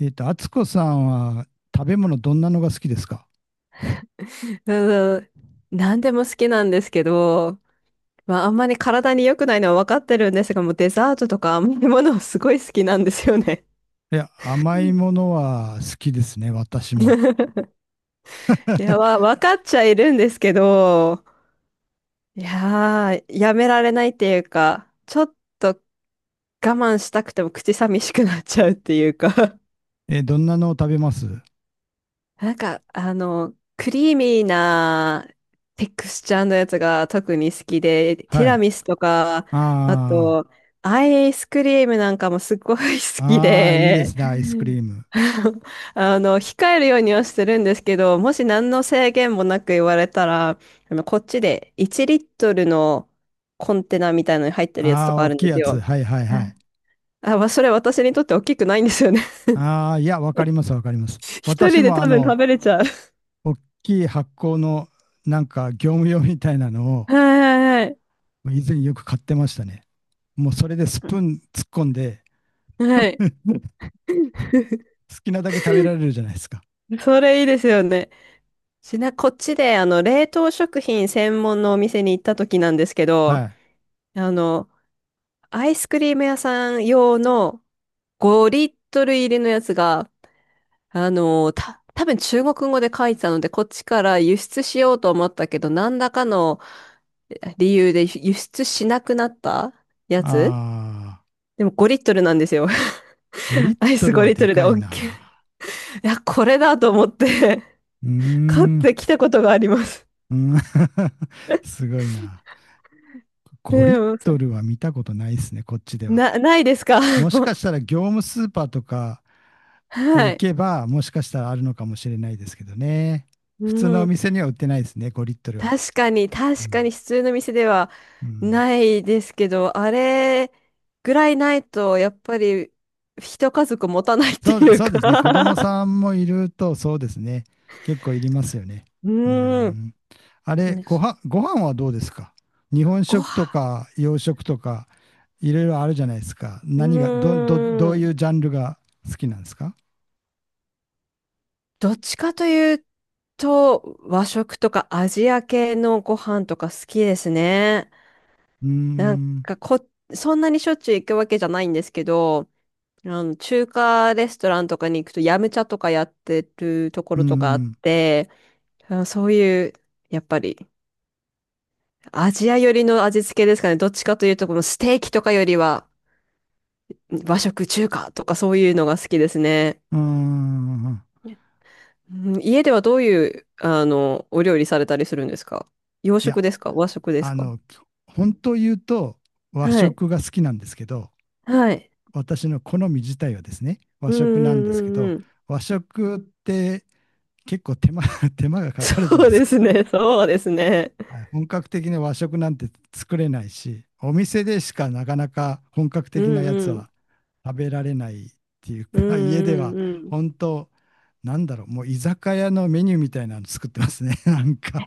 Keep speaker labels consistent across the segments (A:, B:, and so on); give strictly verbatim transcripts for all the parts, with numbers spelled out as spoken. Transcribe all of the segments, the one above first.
A: えっと、敦子さんは食べ物どんなのが好きですか？
B: うん、何でも好きなんですけど、まあ、あんまり体に良くないのは分かってるんですが、もうデザートとか甘いものすごい好きなんですよね。
A: いや、甘いものは好きですね、私も。
B: いや、わ、分かっちゃいるんですけど、いやー、やめられないっていうか、ちょっと我慢したくても口寂しくなっちゃうっていうか、
A: え、どんなのを食べます？
B: なんか、あの、クリーミーなテクスチャーのやつが特に好きで、ティ
A: は
B: ラ
A: い。
B: ミスとか、あ
A: あ
B: と、アイスクリームなんかもすごい好き
A: あ、ああ、いいで
B: で、
A: すね、アイスクリーム。
B: あの、控えるようにはしてるんですけど、もし何の制限もなく言われたら、あの、こっちでいちリットルリットルのコンテナみたいのに入ってるやつ
A: あ
B: と
A: あ、
B: かあ
A: 大
B: るん
A: きい
B: です
A: やつ。
B: よ。
A: はいはいはい。
B: あ、まあ、それ私にとって大きくないんですよね。
A: ああ、いや、わかりますわかります。
B: 一
A: 私
B: 人で
A: もあ
B: 多分
A: の、
B: 食べれちゃう。
A: 大きい発酵のなんか業務用みたいなのを
B: はいはいはい。
A: 以前よく買ってましたね。もうそれでスプーン突っ込んで、
B: はい。
A: 好きなだけ食べられるじゃないですか。
B: それいいですよね。ちな、こっちで、あの、冷凍食品専門のお店に行った時なんですけど、
A: はい。
B: あの、アイスクリーム屋さん用のごリットルリットル入りのやつが、あの、た、多分中国語で書いてたので、こっちから輸出しようと思ったけど、何らかの理由で輸出しなくなったやつ
A: あ
B: でもごリットルリットルなんですよ。
A: ー、ごリッ
B: アイ
A: ト
B: ス
A: ルはで
B: ごリットルリッ
A: か
B: ト
A: い
B: ルで OK。
A: な。
B: いや、これだと思って
A: うー
B: 買っ
A: ん。
B: てきたことがあります。
A: うん すごいな。
B: う
A: ごリッ
B: ん、
A: トルは見たことないですね、こっちでは。
B: なないですか？
A: もしかしたら業務スーパーとか
B: は
A: 行
B: い。
A: けば、もしかしたらあるのかもしれないですけどね。普通の
B: う
A: お
B: ん。
A: 店には売ってないですね、ごリットルは。
B: 確かに、
A: う
B: 確かに
A: ん。
B: 普通の店では
A: うん
B: ないですけど、あれぐらいないと、やっぱり一家族持たないって
A: そう、
B: いう
A: そうですね。子供
B: か。
A: さ んもいると、そうですね。結構いりますよね。うー
B: うん。
A: ん。あれ、
B: ね。
A: ごは、ご飯はどうですか？日本
B: ご
A: 食と
B: 飯、
A: か洋食とか、いろいろあるじゃないですか。
B: う
A: 何が、ど、ど、どうい
B: ん。
A: うジャンルが好きなんですか？
B: どっちかというと、和食とかアジア系のご飯とか好きですね。
A: うー
B: なん
A: ん、
B: かこ、そんなにしょっちゅう行くわけじゃないんですけど、あの、中華レストランとかに行くと、ヤムチャとかやってるとこ
A: うー
B: ろとかあっ
A: ん、
B: て、あそういう、やっぱり、アジア寄りの味付けですかね。どっちかというと、このステーキとかよりは、和食、中華とかそういうのが好きですね。
A: うーん。
B: うん、家ではどういう、あの、お料理されたりするんですか？洋
A: いや、
B: 食ですか、和食です
A: あ
B: か？
A: の、本当言うと和
B: はい。
A: 食が好きなんですけど、
B: はい。
A: 私の好み自体はですね、和
B: うん
A: 食なんで
B: う
A: すけ
B: んうん
A: ど、
B: うん。
A: 和食って結構手間 手間が かかるじゃな
B: そ
A: い
B: う
A: です
B: で
A: か。
B: すね。そうですね。
A: 本格的な和食なんて作れないし、お店でしかなかなか本格
B: う
A: 的な
B: ん
A: やつ
B: うん。
A: は食べられないっていう
B: うん
A: か、家で
B: う
A: は
B: んうん。
A: 本当、なんだろう、もう居酒屋のメニューみたいなの作ってますね、なんか。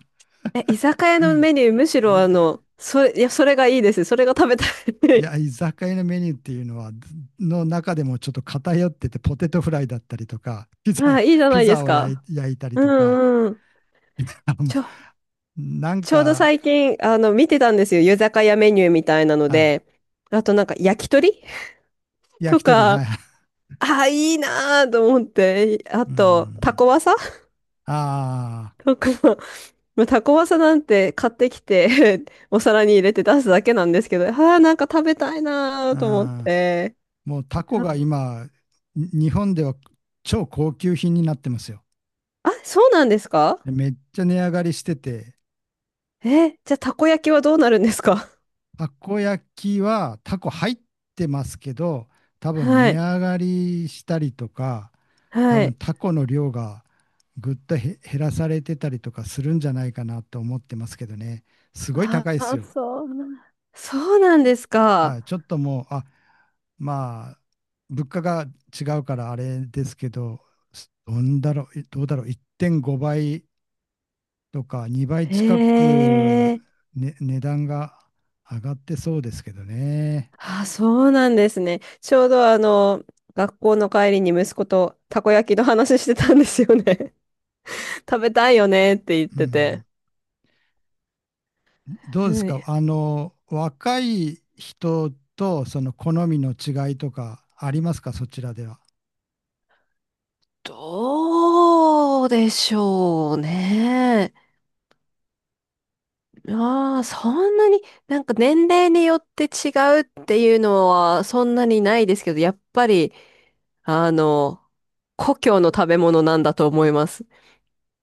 B: え、居酒屋のメニュー、むしろ
A: い
B: あ
A: ざ
B: の、それ、いや、それがいいです。それが食べた
A: いや、
B: い。
A: 居酒屋のメニューっていうのは、の中でもちょっと偏ってて、ポテトフライだったりとか、ピ
B: あ
A: ザ、
B: あ、いいじゃ
A: ピ
B: ないで
A: ザ
B: す
A: を焼
B: か。
A: い焼いたり
B: う
A: とか、
B: んうん。
A: あもう
B: ちょ、
A: なん
B: ちょうど
A: か、
B: 最近、あの、見てたんですよ。居酒屋メニューみたいなの
A: あ、
B: で。あとなんか、焼き鳥
A: 焼
B: と
A: き鳥、
B: か、あ
A: はい。
B: あ、いいなーと思って。あ
A: う
B: と、タ
A: ん
B: コワサ、
A: あ
B: とか、まあタコワサなんて買ってきて お皿に入れて出すだけなんですけど、ああ、なんか食べたいなーと思っ
A: あ、
B: て。
A: うん、もうタコ
B: あ、
A: が今、に日本では超高級品になってますよ。
B: あそうなんですか。
A: でめっちゃ値上がりしてて、
B: え、じゃあ、たこ焼きはどうなるんですか？
A: たこ焼きはタコ入ってますけど、多分
B: は
A: 値
B: い。
A: 上がりしたりとか、多
B: は
A: 分
B: い。
A: タコの量がぐっとへ減らされてたりとかするんじゃないかなと思ってますけどね。すごい
B: あ
A: 高いです
B: あ、
A: よ。
B: そうな、そうなんです
A: は
B: か。
A: い、ちょっともう、あ、まあ、物価が違うからあれですけど、すどんだろう、いどうだろう、いってんごばいとかにばい近
B: へ
A: く、
B: え。
A: ね、値段が上がってそうですけどね。
B: あ、そうなんですね。ちょうどあの、学校の帰りに息子とたこ焼きの話してたんですよね。食べたいよねって言っ
A: う
B: てて。
A: ん、どうです
B: は
A: か、
B: い。
A: あの、若い人とその好みの違いとかありますか、そちらでは。
B: どうでしょうね。ああ、そんなに、なんか年齢によって違うっていうのはそんなにないですけど、やっぱり、あの、故郷の食べ物なんだと思います。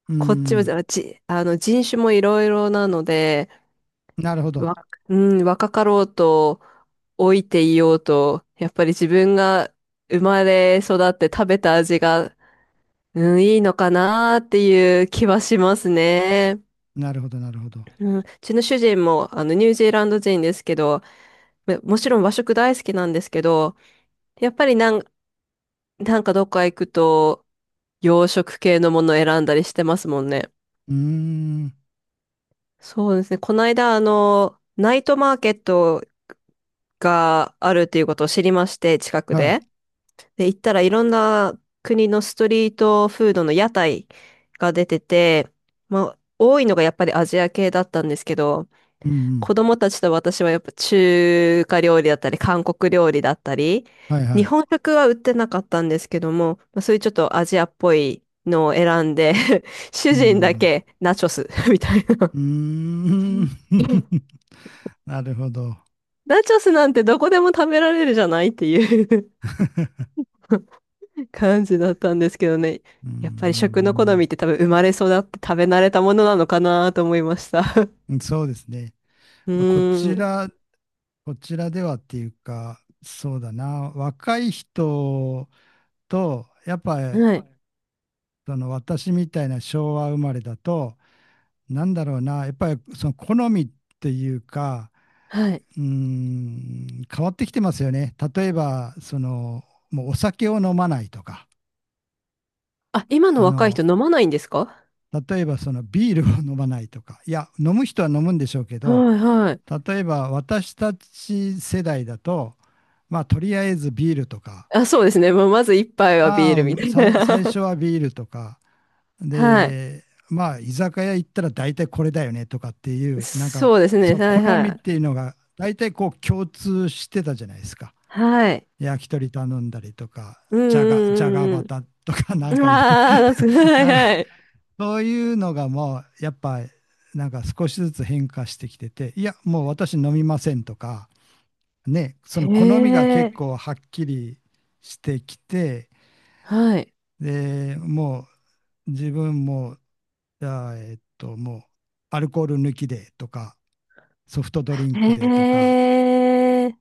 A: う
B: こっちは、
A: ん、
B: あじ、あの、人種もいろいろなので、
A: なるほど、
B: わ、うん、若かろうと、老いていようと、やっぱり自分が生まれ育って食べた味が、うん、いいのかなっていう気はしますね。
A: なるほど、なるほど。
B: うん、うちの主人も、あの、ニュージーランド人ですけど、めもちろん和食大好きなんですけど、やっぱりなん、なんかどっか行くと洋食系のものを選んだりしてますもんね。
A: うーん、
B: そうですね。この間、あの、ナイトマーケットがあるっていうことを知りまして、近く
A: はい、
B: で。で、行ったらいろんな国のストリートフードの屋台が出てて、まあ、多いのがやっぱりアジア系だったんですけど、
A: うんうん、
B: 子供たちと私はやっぱ中華料理だったり、韓国料理だったり、
A: はいは
B: 日
A: い、
B: 本食は売ってなかったんですけども、まあ、そういうちょっとアジアっぽいのを選んで、
A: う
B: 主
A: んう
B: 人だ
A: ん。
B: けナチョス、 みたいな。
A: うーん。なるほど。
B: ナチョスなんてどこでも食べられるじゃないっていう 感じだったんですけどね。
A: うー
B: やっぱり食の好
A: ん。
B: みって多分生まれ育って食べ慣れたものなのかなと思いました。
A: そうですね。
B: う
A: まあ、こち
B: ーん。
A: ら、こちらではっていうか、そうだな。若い人と、やっぱり、
B: はい。
A: その私みたいな昭和生まれだと、なんだろうな。やっぱりその好みっていうか、
B: はい。
A: うーん、変わってきてますよね。例えば、その、もうお酒を飲まないとか、
B: あ、今の
A: あ
B: 若い
A: の、
B: 人飲まないんですか？
A: 例えばそのビールを飲まないとか、いや、飲む人は飲むんでしょうけ
B: は
A: ど、
B: いはい。
A: 例えば私たち世代だと、まあ、とりあえずビールとか、
B: あ、そうですね。もうまず一杯はビ
A: ま
B: ールみた
A: あ、
B: い
A: さ
B: な。
A: 最初 はビールとか、
B: はい。
A: で、まあ、居酒屋行ったら大体これだよねとかっていう、なんか、
B: そうです
A: そ
B: ね。
A: の
B: はい
A: 好み
B: は
A: っ
B: い。
A: ていうのが、大体こう共通してたじゃないですか。
B: はい。
A: 焼き鳥頼んだりとか、
B: う
A: じゃが、じゃが
B: んうんう
A: バ
B: ん
A: タとか、なん
B: うん。
A: かいる
B: ああ、懐かしい。 はい
A: なんか
B: はい。
A: そういうのがもうやっぱなんか少しずつ変化してきてて、いや、もう私飲みませんとか、ね、そ
B: へ
A: の好みが結
B: え。
A: 構はっきりしてきて、
B: はい。
A: で、もう自分も、じゃあ、えっと、もうアルコール抜きでとか、ソフトドリンクでとか、
B: へえ。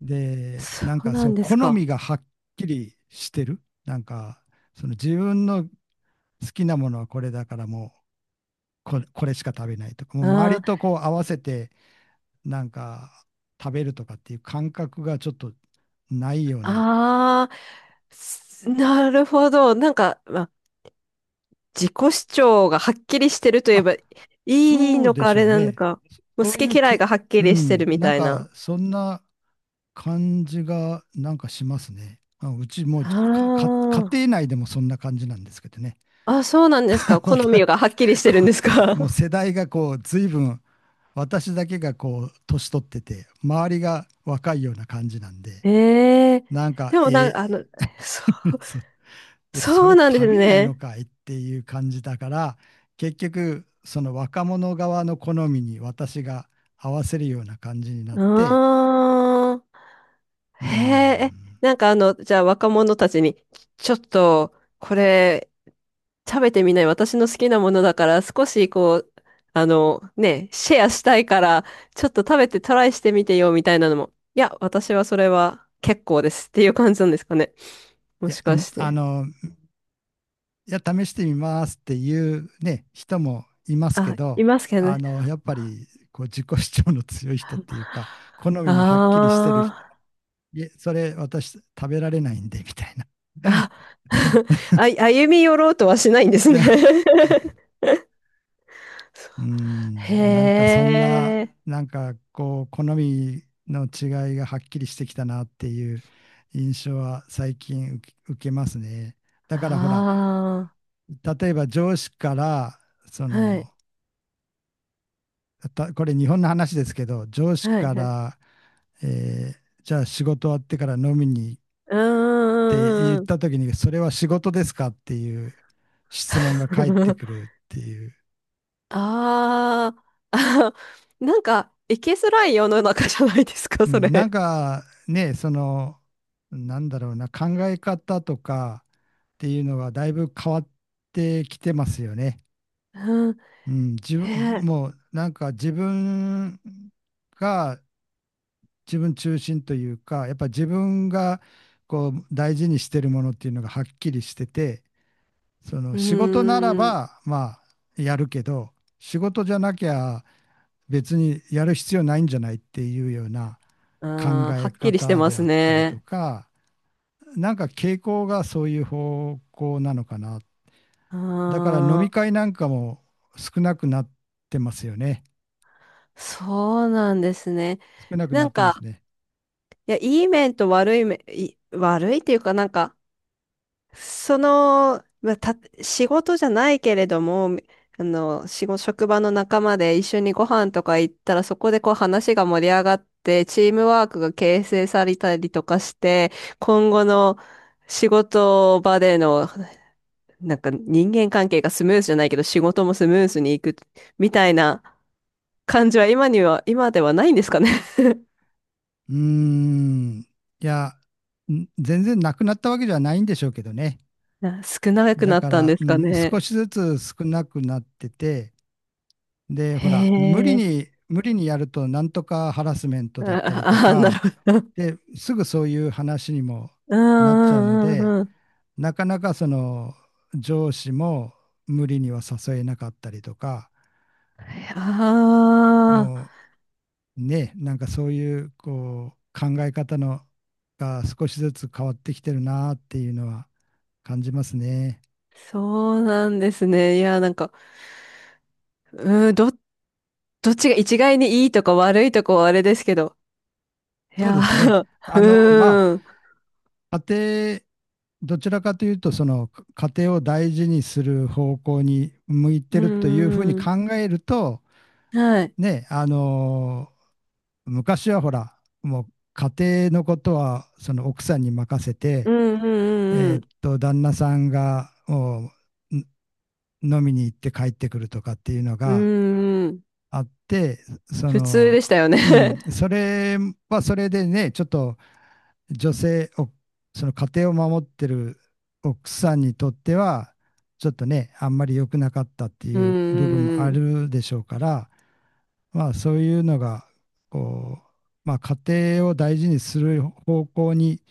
A: で、
B: そ
A: なん
B: う
A: か
B: な
A: そう、
B: んで
A: 好
B: す
A: み
B: か。
A: がはっきりしてる。なんか、その自分の好きなものはこれだからもうこれ、これしか食べないとか、もう周り
B: あ
A: とこう合わせて、なんか食べるとかっていう感覚がちょっとないような。
B: あ、ああ、すなるほど。なんか、まあ、自己主張がはっきりしてるといえ
A: あ、
B: ばいい
A: そう
B: の
A: で
B: かあ
A: しょ
B: れ
A: う
B: なの
A: ね。
B: か。もう
A: そそうい
B: 好き
A: う
B: 嫌い
A: け、
B: がはっき
A: う
B: りして
A: ん、
B: るみ
A: なん
B: たい
A: か
B: な。
A: そんな感じがなんかしますね。あ、うちもう
B: あ
A: か、か家
B: あ。
A: 庭内でもそんな感じなんですけどね。
B: あ、そうなんですか。
A: ま
B: 好
A: た
B: み
A: こ
B: がはっきりしてるんですか。
A: うもう 世代がこう随分私だけがこう年取ってて周りが若いような感じなんで
B: ええ、
A: なんか
B: でもなん
A: え
B: か、あの、そ
A: ー
B: う、
A: そうで、そ
B: そ
A: れ
B: うなんで
A: 食
B: す
A: べないの
B: ね。
A: かいっていう感じだから、結局、その若者側の好みに私が合わせるような感じになって、
B: ああ、
A: うー
B: へえ、え、
A: ん、
B: なんかあの、じゃあ若者たちに、ちょっと、これ、食べてみない？私の好きなものだから、少しこう、あの、ね、シェアしたいから、ちょっと食べてトライしてみてよ、みたいなのも。いや、私はそれは結構ですっていう感じなんですかね。
A: い
B: も
A: や、
B: しか
A: ん
B: し
A: あ
B: て。
A: の、いや、試してみますっていうね、人もいますけ
B: あ、い
A: ど、
B: ますけど
A: あ
B: ね。
A: の、やっぱり、こう、自己主張の強い人っていうか、好
B: あ
A: みのはっきりしてる人は、
B: あ、
A: いえ、それ私食べられないんで、みたいな。
B: あ、あ、歩み寄ろうとはしないんですね。
A: う
B: へ
A: ん、なんかそんな、
B: え、
A: なんかこう、好みの違いがはっきりしてきたなっていう印象は最近受け受けますね。だからほら、
B: あ
A: 例えば上司から、そ
B: あ、は
A: の、
B: い、
A: たこれ日本の話ですけど、上司
B: はい、
A: か
B: はい。
A: ら、えーじゃあ仕事終わってから飲みに行っ
B: う
A: て
B: ー
A: 言っ
B: ん、うん、
A: た時に、それは仕事ですかっていう質問が返ってくるっていう。
B: あーあ、なんか、いきづらい世の中じゃないですか、
A: う
B: そ
A: ん、なん
B: れ。
A: かね、その、なんだろうな、考え方とかっていうのはだいぶ変わってきてますよね。
B: うん、
A: うん、自
B: へ
A: 分、
B: え、
A: もうなんか自分が自分中心というか、やっぱ自分がこう大事にしてるものっていうのがはっきりしてて、そ
B: う
A: の
B: ー
A: 仕事なら
B: ん、
A: ばまあやるけど、仕事じゃなきゃ別にやる必要ないんじゃないっていうような考
B: あー、は
A: え
B: っきりして
A: 方
B: ま
A: で
B: す
A: あったりと
B: ね。
A: か、なんか傾向がそういう方向なのかな。だから飲み
B: ああ、
A: 会なんかも少なくなってますよね。
B: そうなんですね。
A: 少なく
B: な
A: なっ
B: ん
A: てます
B: か、
A: ね。
B: いや、いい面と悪い面、い悪いっていうかなんか、その、まあ、た、仕事じゃないけれども、あの、仕事、職場の仲間で一緒にご飯とか行ったら、そこでこう話が盛り上がって、チームワークが形成されたりとかして、今後の仕事場での、なんか人間関係がスムーズじゃないけど、仕事もスムーズにいくみたいな感じは今には、今ではないんですかね。
A: うーん。いや、ん全然なくなったわけではないんでしょうけどね。
B: な少なく
A: だ
B: なっ
A: か
B: たん
A: ら、
B: で
A: う
B: すか
A: ん、少
B: ね。
A: しずつ少なくなってて、で、
B: へ
A: ほら、無理
B: え。
A: に、無理にやると、なんとかハラスメントだったりと
B: ああ、なる
A: か、
B: ほど。
A: で、すぐそういう話にも
B: う
A: なっちゃうの
B: んうんう
A: で、
B: んうん。
A: なかなかその上司も無理には誘えなかったりとか、
B: ああ、
A: もうね、なんかそういうこう考え方のが少しずつ変わってきてるなっていうのは感じますね。
B: そうなんですね。いや、なんか、うん、ど、どっちが一概にいいとか悪いとかはあれですけど。い
A: そう
B: や、
A: ですね。あの、ま
B: うん、
A: あ、家庭、どちらかというと、その家庭を大事にする方向に向い
B: う
A: てるというふうに
B: ん、うん、
A: 考えると、
B: はい。
A: ね、あの、昔はほら、もう家庭のことはその奥さんに任せ
B: う
A: て、
B: ん、うん、う
A: え
B: ん、
A: ーっと、旦那さんがもう飲みに行って帰ってくるとかっていうの
B: う
A: が
B: ん、うん、
A: あって、そ
B: 普通
A: の、
B: でしたよね。
A: うん、それはそれでね、ちょっと女性、おその家庭を守ってる奥さんにとっては、ちょっとね、あんまり良くなかったって
B: う
A: いう部分も
B: ん、う
A: あ
B: ん、
A: るでしょうから、まあそういうのがこう、まあ、家庭を大事にする方向に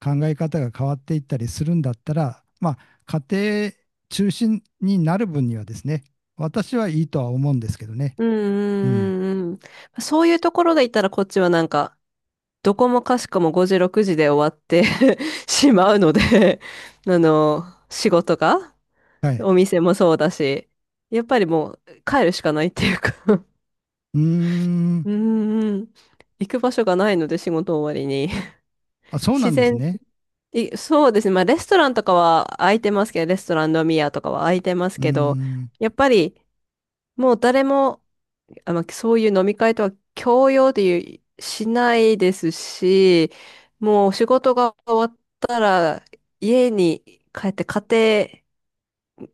A: 考え方が変わっていったりするんだったら、まあ、家庭中心になる分にはですね私はいいとは思うんですけどね。
B: うん、う
A: うん。
B: ん、うんうんうん。そういうところで言ったらこっちはなんか、どこもかしこもごじ、ろくじで終わって しまうので、あの、仕事が、
A: はい。
B: お店もそうだし、やっぱりもう帰るしかないっていうか。
A: うーん。
B: うんうん。行く場所がないので仕事終わりに。
A: あ、そうな
B: 自
A: んです
B: 然、
A: ね。
B: いそうですね。まあレストランとかは空いてますけど、レストラン飲み屋とかは空いてます
A: うー
B: けど、
A: ん。
B: やっぱりもう誰もあの、そういう飲み会とは強要でいうしないですし、もう仕事が終わったら家に帰って家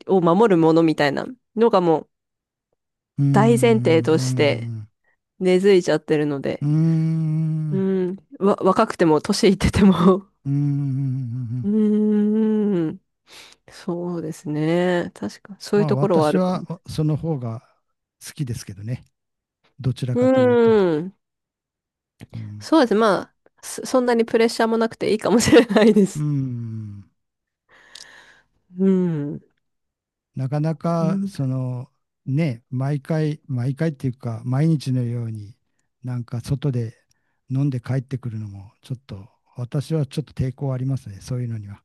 B: 庭を守るものみたいなのがもう
A: うー
B: 大前提として
A: ん。
B: 根付いちゃってるの
A: う
B: で、
A: ーん。うー
B: う
A: ん。
B: ん、わ、若くても年いってても。
A: うー
B: う
A: ん
B: ーん、そうですね。確か、そういう
A: まあ
B: ところはあ
A: 私
B: るか
A: は
B: も。
A: その方が好きですけどね。どちら
B: う
A: かというと。
B: ーん、
A: うん
B: そうですね。まあ、そそんなにプレッシャーもなくていいかもしれないで
A: う
B: す。
A: ん。
B: うん。
A: なかな
B: う
A: か、
B: ん。
A: その、ね、毎回、毎回っていうか、毎日のように、なんか外で飲んで帰ってくるのも、ちょっと、私はちょっと抵抗ありますね、そういうのには。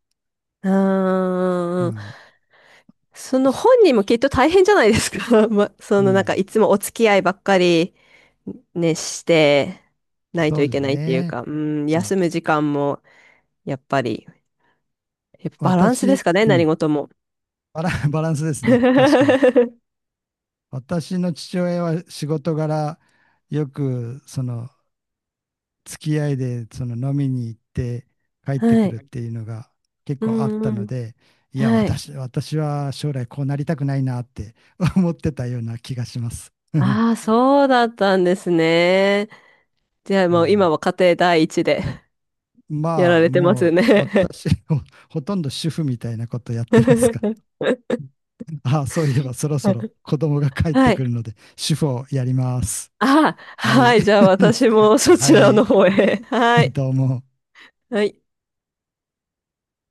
B: う
A: う
B: ーん。
A: ん。
B: その本
A: し
B: 人もきっと大変じゃないですか。ま、そ
A: う
B: のなんか
A: ん。
B: いつもお付き合いばっかりね、してない
A: そ
B: と
A: う
B: い
A: で
B: け
A: す
B: ないっていう
A: ね。
B: か、うん、
A: うん。
B: 休む時間もやっぱり、やっぱバランスで
A: 私、
B: すかね、
A: う
B: 何
A: ん。
B: 事も。
A: バラ、バランスです ね、確かに。
B: は
A: 私の父親は仕事柄、よく、その、付き合いでその飲みに行って帰ってくるっ
B: い。
A: ていうのが結
B: う
A: 構あっ
B: ん
A: た
B: う
A: の
B: ん。
A: で、いや、
B: はい。
A: 私、私は将来こうなりたくないなって 思ってたような気がします。う
B: ああ、そうだったんですね。じゃあもう
A: ん、
B: 今は家庭第一で。 やら
A: まあ、
B: れてま
A: も
B: す
A: う
B: ね。
A: 私ほ、ほとんど主婦みたいなことやってますが、ああ、そういえばそろそろ子供が帰っ
B: は
A: てく
B: い。
A: るので、主婦をやります。
B: あ、
A: は
B: は
A: い。
B: い。じゃあ私 もそ
A: は
B: ちらの
A: い、
B: 方へ。はい。
A: どうも。
B: はい。